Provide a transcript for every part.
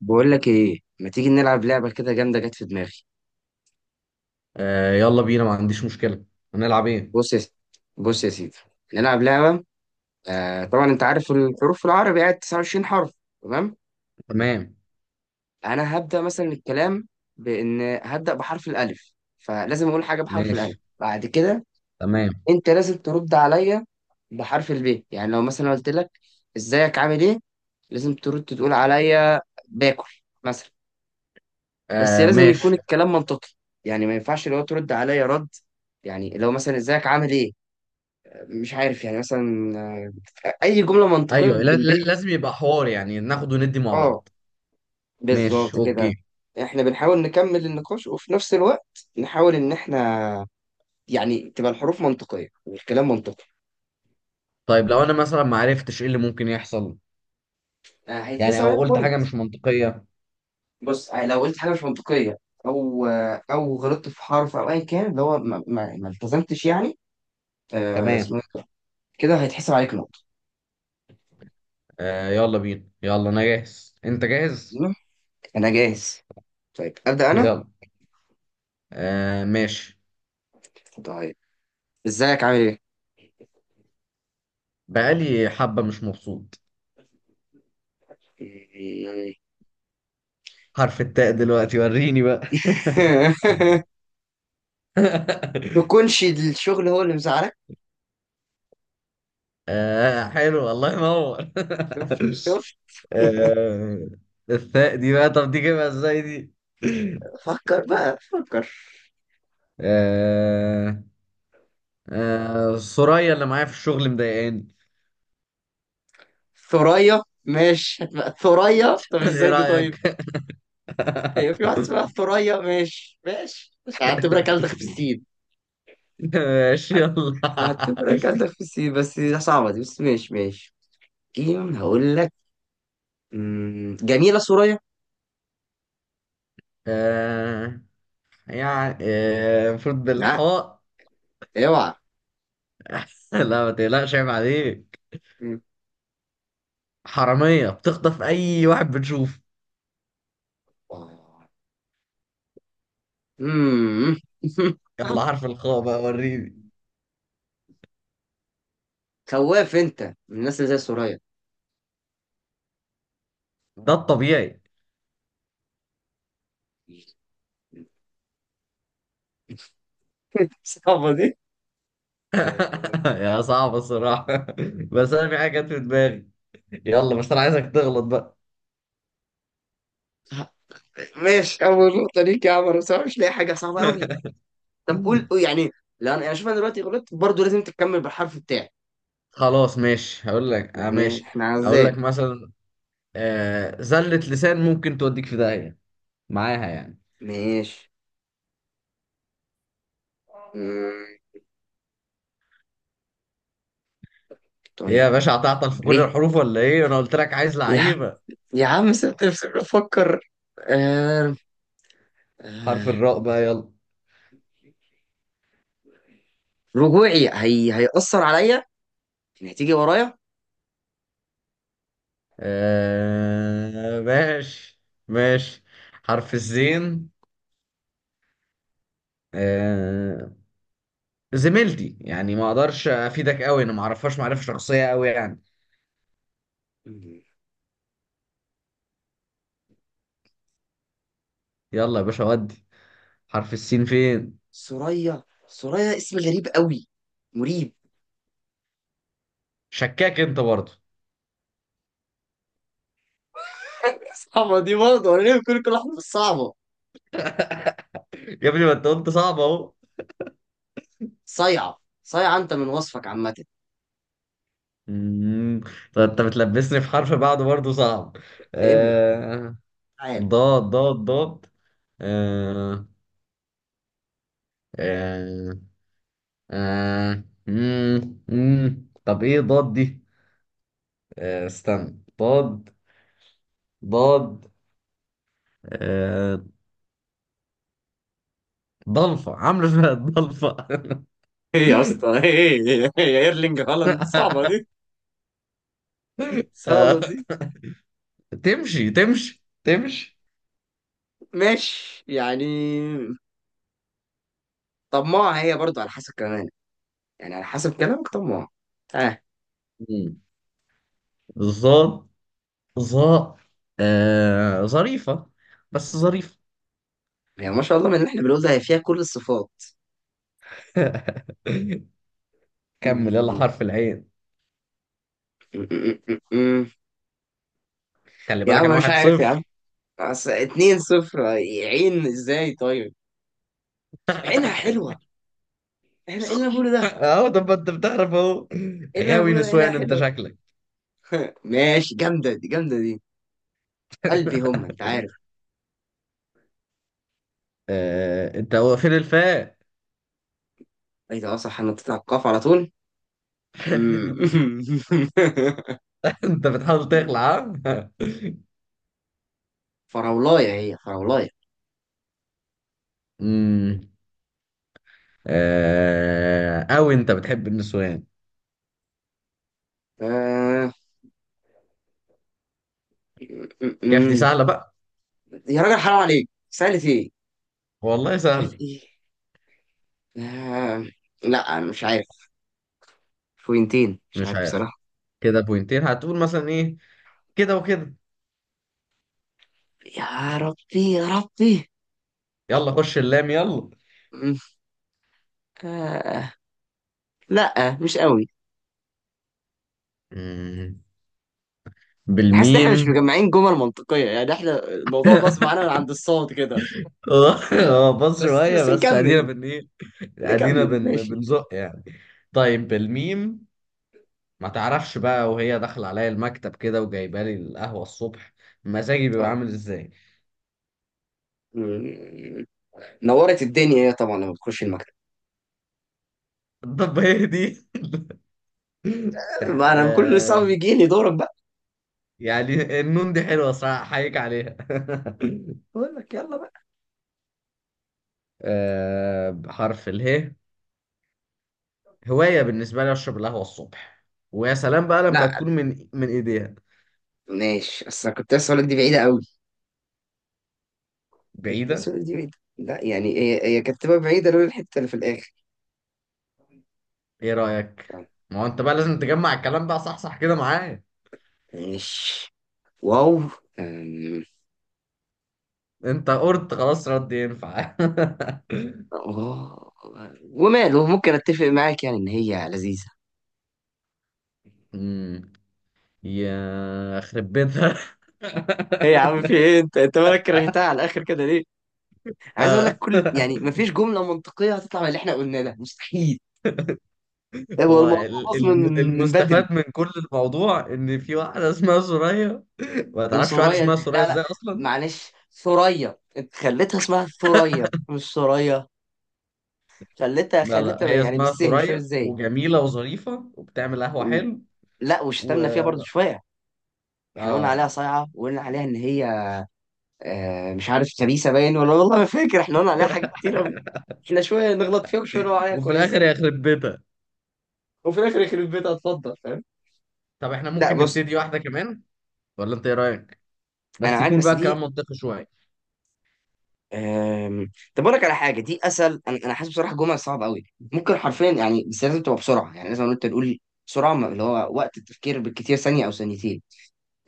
بقول لك ايه، ما تيجي نلعب لعبه كده جامده جت في دماغي؟ آه يلا بينا، ما عنديش مشكلة. هنلعب ايه؟ بص يا سيدي بص يا سيدي. نلعب لعبه. آه طبعا، انت عارف الحروف في العربي قاعد 29 حرف، تمام. تمام. انا هبدا مثلا الكلام بان هبدا بحرف الالف، فلازم اقول حاجه بحرف ماشي، الالف بعد كده. تمام. انت لازم ترد عليا بحرف الب، يعني لو مثلا قلت لك ازيك عامل ايه، لازم ترد تقول عليا باكل مثلا. بس آه لازم يكون ماشي. الكلام منطقي، يعني ما ينفعش لو ترد عليا رد، يعني لو مثلا ازيك عامل ايه مش عارف، يعني مثلا اي جمله منطقيه ايوه، لا لا، بالبيه. لازم يبقى حوار، يعني ناخد وندي مع اه بعض. ماشي، بالظبط اوكي. كده. احنا بنحاول نكمل النقاش وفي نفس الوقت نحاول ان احنا يعني تبقى الحروف منطقيه والكلام منطقي. طيب لو انا مثلا ما عرفتش ايه اللي ممكن يحصل، يعني هيتحسب او عليك قلت بوينت. حاجة مش منطقية. بص، لو قلت حاجه مش منطقيه، او او غلطت في حرف او ايا كان، اللي هو ما التزمتش يعني. اسمه تمام. إيه ده؟ كده هيتحسب عليك نقطه. آه يلا بينا، يلا، انا جاهز، انت جاهز؟ انا جاهز. طيب أبدأ أنا؟ يلا. آه ماشي. طيب إزيك عامل بقالي حبة مش مبسوط. إيه؟ إيه. حرف التاء دلوقتي، وريني بقى. يكونش الشغل هو اللي مزعلك. آه، حلو، الله ينور. شفت شفت. آه. الثاء دي بقى، طب دي جايبها ازاي دي؟ فكر بقى فكر. آه. آه، سوريا اللي معايا في الشغل مضايقاني. ثريا، ماشي هتبقى ثريا. طب ايه ازاي دي طيب؟ رأيك؟ هي في واحد اسمها ثريا. ماشي ماشي، مش هعتبرك ألدغ في السين. ماشي، يلا. هعتبرك ألدغ في السين، بس دي صعبة دي، بس ماشي ماشي. جيم هقول لك. جميلة ثريا. آه يعني، المفروض لا، بالحاء. اوعى. لا، ما تقلقش، عيب عليك. مم. حرامية بتخطف أي واحد بتشوفه. مم. يلا، حرف الخاء بقى، وريني. خواف انت من الناس اللي زي سوريا. ده الطبيعي. صعبة دي. يا صعب الصراحة. بس أنا في حاجة جت في دماغي. يلا، بس أنا عايزك تغلط بقى. ماشي، اول نقطه ليك يا عمر، بس انا مش لاقي حاجه صعبه قوي. طب قول قول يعني. لا، انا شوف، انا دلوقتي غلطت برضه، لازم تكمل بالحرف بتاعي. خلاص، ماشي، هقول لك. آه يعني ماشي. احنا هقول عزال. لك مثلا. زلة لسان ممكن توديك في داهية معاها، يعني. ماشي. مم، هي طيب، يا باشا هتعطل في كل ليه الحروف ولا إيه؟ أنا قلت لك عايز يا عم؟ لعيبة. يا عم سبت نفسي بفكر. آه... آه... حرف الراء بقى، يلا. رجوعي هيأثر عليا، يعني هتيجي ورايا. آه ماشي. ماشي. حرف الزين. آه. زميلتي، يعني ما اقدرش افيدك قوي، انا ما اعرفهاش معرفه شخصيه قوي، يعني. مم. يلا يا باشا، ودي. حرف السين فين؟ سوريا سوريا اسم غريب قوي، مريب. شكاك انت برضه. اما دي برضه، انا ليه بكل كل واحده بس صعبه؟ يا ابني، ما انت قلت صعب اهو. صيعه صيعه، انت من وصفك عامه. مم. طب انت بتلبسني في حرف بعده برضه صعب. ابلع آه... تعال. ضاد ضاد ضاد. آه... آه... مم. مم. طب ايه ضاد دي؟ استنى، ضاد. ضاد. آه... ضلفة عاملة فيها ضلفة. ايه يا اسطى، ايه ايه إيه يا ايرلينج هالاند، صعبه دي، صعبه آه... دي. تمشي تمشي تمشي. ماشي يعني. طماعه هي برضه على حسب كمان، يعني على حسب كلامك طماعه. اه. مم. ضاد. ظا. ظريفة. بس ظريفة. هي ما شاء الله من اللي احنا بنقول ده، هي فيها كل الصفات. م- كمل، يلا، م- حرف العين. م- م- م. خلي يا بالك، انا عم مش واحد عارف يا عم. صفر. بس 2-0 عين ازاي طيب؟ عينها حلوة. احنا ايه صح، اللي أنا بقوله ده؟ اهو، طب ما انت بتعرف اهو. ايه اللي أنا غاوي بقوله ده، عينها نسوان انت حلوة. شكلك. ماشي، جامدة دي جامدة دي. قلبي هم، انت عارف. انت، هو فين الفاء؟ ايه ده، اه صح، انا بتاع القاف على طول. أمم. انت بتحاول تخلع. ها. فراولاية، هي فراولاية. امم اوي انت بتحب النسوان. آه... كيف دي أمم. سهلة بقى. يا راجل حرام عليك، سألت ايه؟ والله كانت سهلة. ايه؟ آه... لا أنا مش عارف. بوينتين، مش مش عارف عارف. بصراحة. كده بوينتين هتقول مثلا ايه؟ كده وكده. يا ربي يا ربي. يلا، خش اللام. أمم. آه... لا، مش قوي. يلا، حاسس ان احنا مش بالميم. مجمعين جمل منطقية، يعني احنا الموضوع باظ معانا من عند الصوت كده. اه اه، بص بس شوية، بس بس ادينا نكمل. بن ايه. ادينا نكمل بن ماشي. بنزق، يعني. طيب بالميم. ما تعرفش بقى وهي داخلة عليا المكتب كده وجايبه لي القهوة الصبح، مزاجي بيبقى اه. عامل ازاي؟ مم. نورت الدنيا، هي طبعا لما بتخش المكتب. طب هي دي. تح... ما انا كل صعب آه بيجي لي دورك بقى. يعني النون دي حلوة صراحة، احييك عليها. بقول لك، يلا بقى. بحرف اله، هواية بالنسبة لي اشرب القهوة الصبح، ويا سلام بقى لما لا، تكون من ايديها. ماشي، اصل أنا كنت اسالك دي بعيده قوي، كنت بعيدة. اسالك دي بعيده، لا يعني هي، هي كانت تبقى بعيده لولا الحته اللي في الاخر. ايه رأيك؟ آه. ما هو انت بقى لازم تجمع الكلام ده، صح صح كده معايا. ماشي. واو. أم، انت قرد خلاص، رد ينفع. اه وماله، ممكن اتفق معاك يعني ان هي لذيذه. أمم، يا خرب بيتها. ايه يا عم، في ايه، انت مالك كرهتها على الاخر كده ليه؟ عايز اقول لك، آه، كل يعني مفيش جمله منطقيه هتطلع من اللي احنا قلناه ده، مستحيل. هو هو الموضوع اصلا من من من بدري. المستفاد من كل الموضوع ان في واحده اسمها سوريا. ما تعرفش واحده وسوريا، اسمها سوريا لا لا. ازاي اصلا. معلش، ثريا، انت خليتها اسمها ثريا مش سوريا. خليتها لا لا، خليتها هي يعني اسمها بالسهم، مش فاهم سوريا ازاي. وجميله وظريفه وبتعمل قهوه و... حلو. لا، و وشتمنا فيها برضو شويه. احنا قلنا اه عليها صايعه، وقلنا عليها ان هي مش عارف، خبيثه باين ولا، والله ما فاكر، احنا قلنا عليها حاجات كتير قوي. احنا شويه نغلط فيها وشويه نقول عليها وفي الاخر كويسه. هي خرب بيتها. وفي الاخر يخرب بيتها، اتفضل فاهم. طب احنا لا ممكن بص، نبتدي واحده كمان، ولا انت ايه رايك؟ انا بس معاك، يكون بقى بس دي. الكلام منطقي شويه. طب اقول لك على حاجه دي اسهل. انا حاسس بصراحه الجمل صعب قوي ممكن حرفيا يعني، بس لازم تبقى بسرعه، يعني لازم انت تقول بسرعه. اللي هو وقت التفكير بالكتير ثانيه او ثانيتين.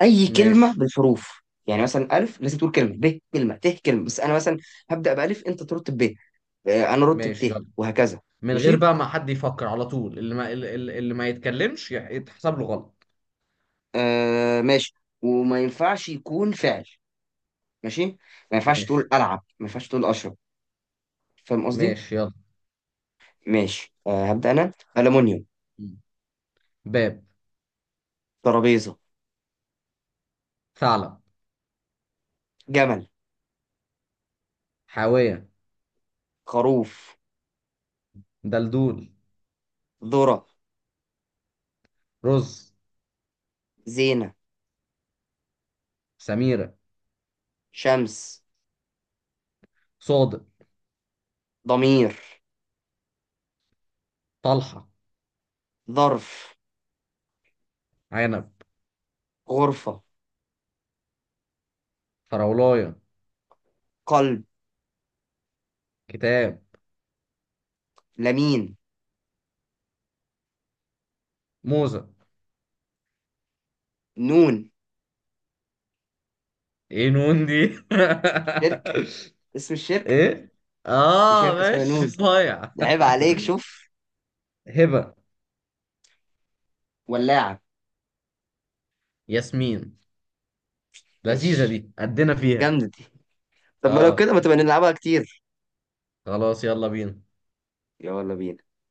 اي كلمه ماشي، بالحروف، يعني مثلا الف لازم تقول كلمه، ب كلمه، ت كلمه، بس انا مثلا هبدا بالف، انت ترد ب، انا ارد ماشي، بت، يلا. وهكذا. من غير ماشي. بقى ما حد يفكر على طول، اللي ما يتكلمش يتحسب له غلط. ماشي. وما ينفعش يكون فعل. ماشي، ما ينفعش ماشي، تقول العب، ما ينفعش تقول اشرب. فاهم قصدي. ماشي، يلا. ماشي. هبدا انا. المونيوم. باب. ترابيزه. ثعلب. جمل. حاوية. خروف. دلدول. ذرة. رز. زينة. سميرة. شمس. صادق. ضمير. طلحة. ظرف. عنب. غرفة. فراولاية. قلب. كتاب. لمين. موزة. نون. ايه نون دي؟ شركة. اسم الشركة. ايه. في اه شركة اسمها ماشي، نون، صايع. ده عيب عليك، شوف. هبة. ولاعة. ياسمين. لذيذة ماشي، دي، قدنا فيها. جامدة دي. طب ما لو اه، كده، ما تبقى نلعبها كتير. خلاص، يلا بينا. يلا بينا.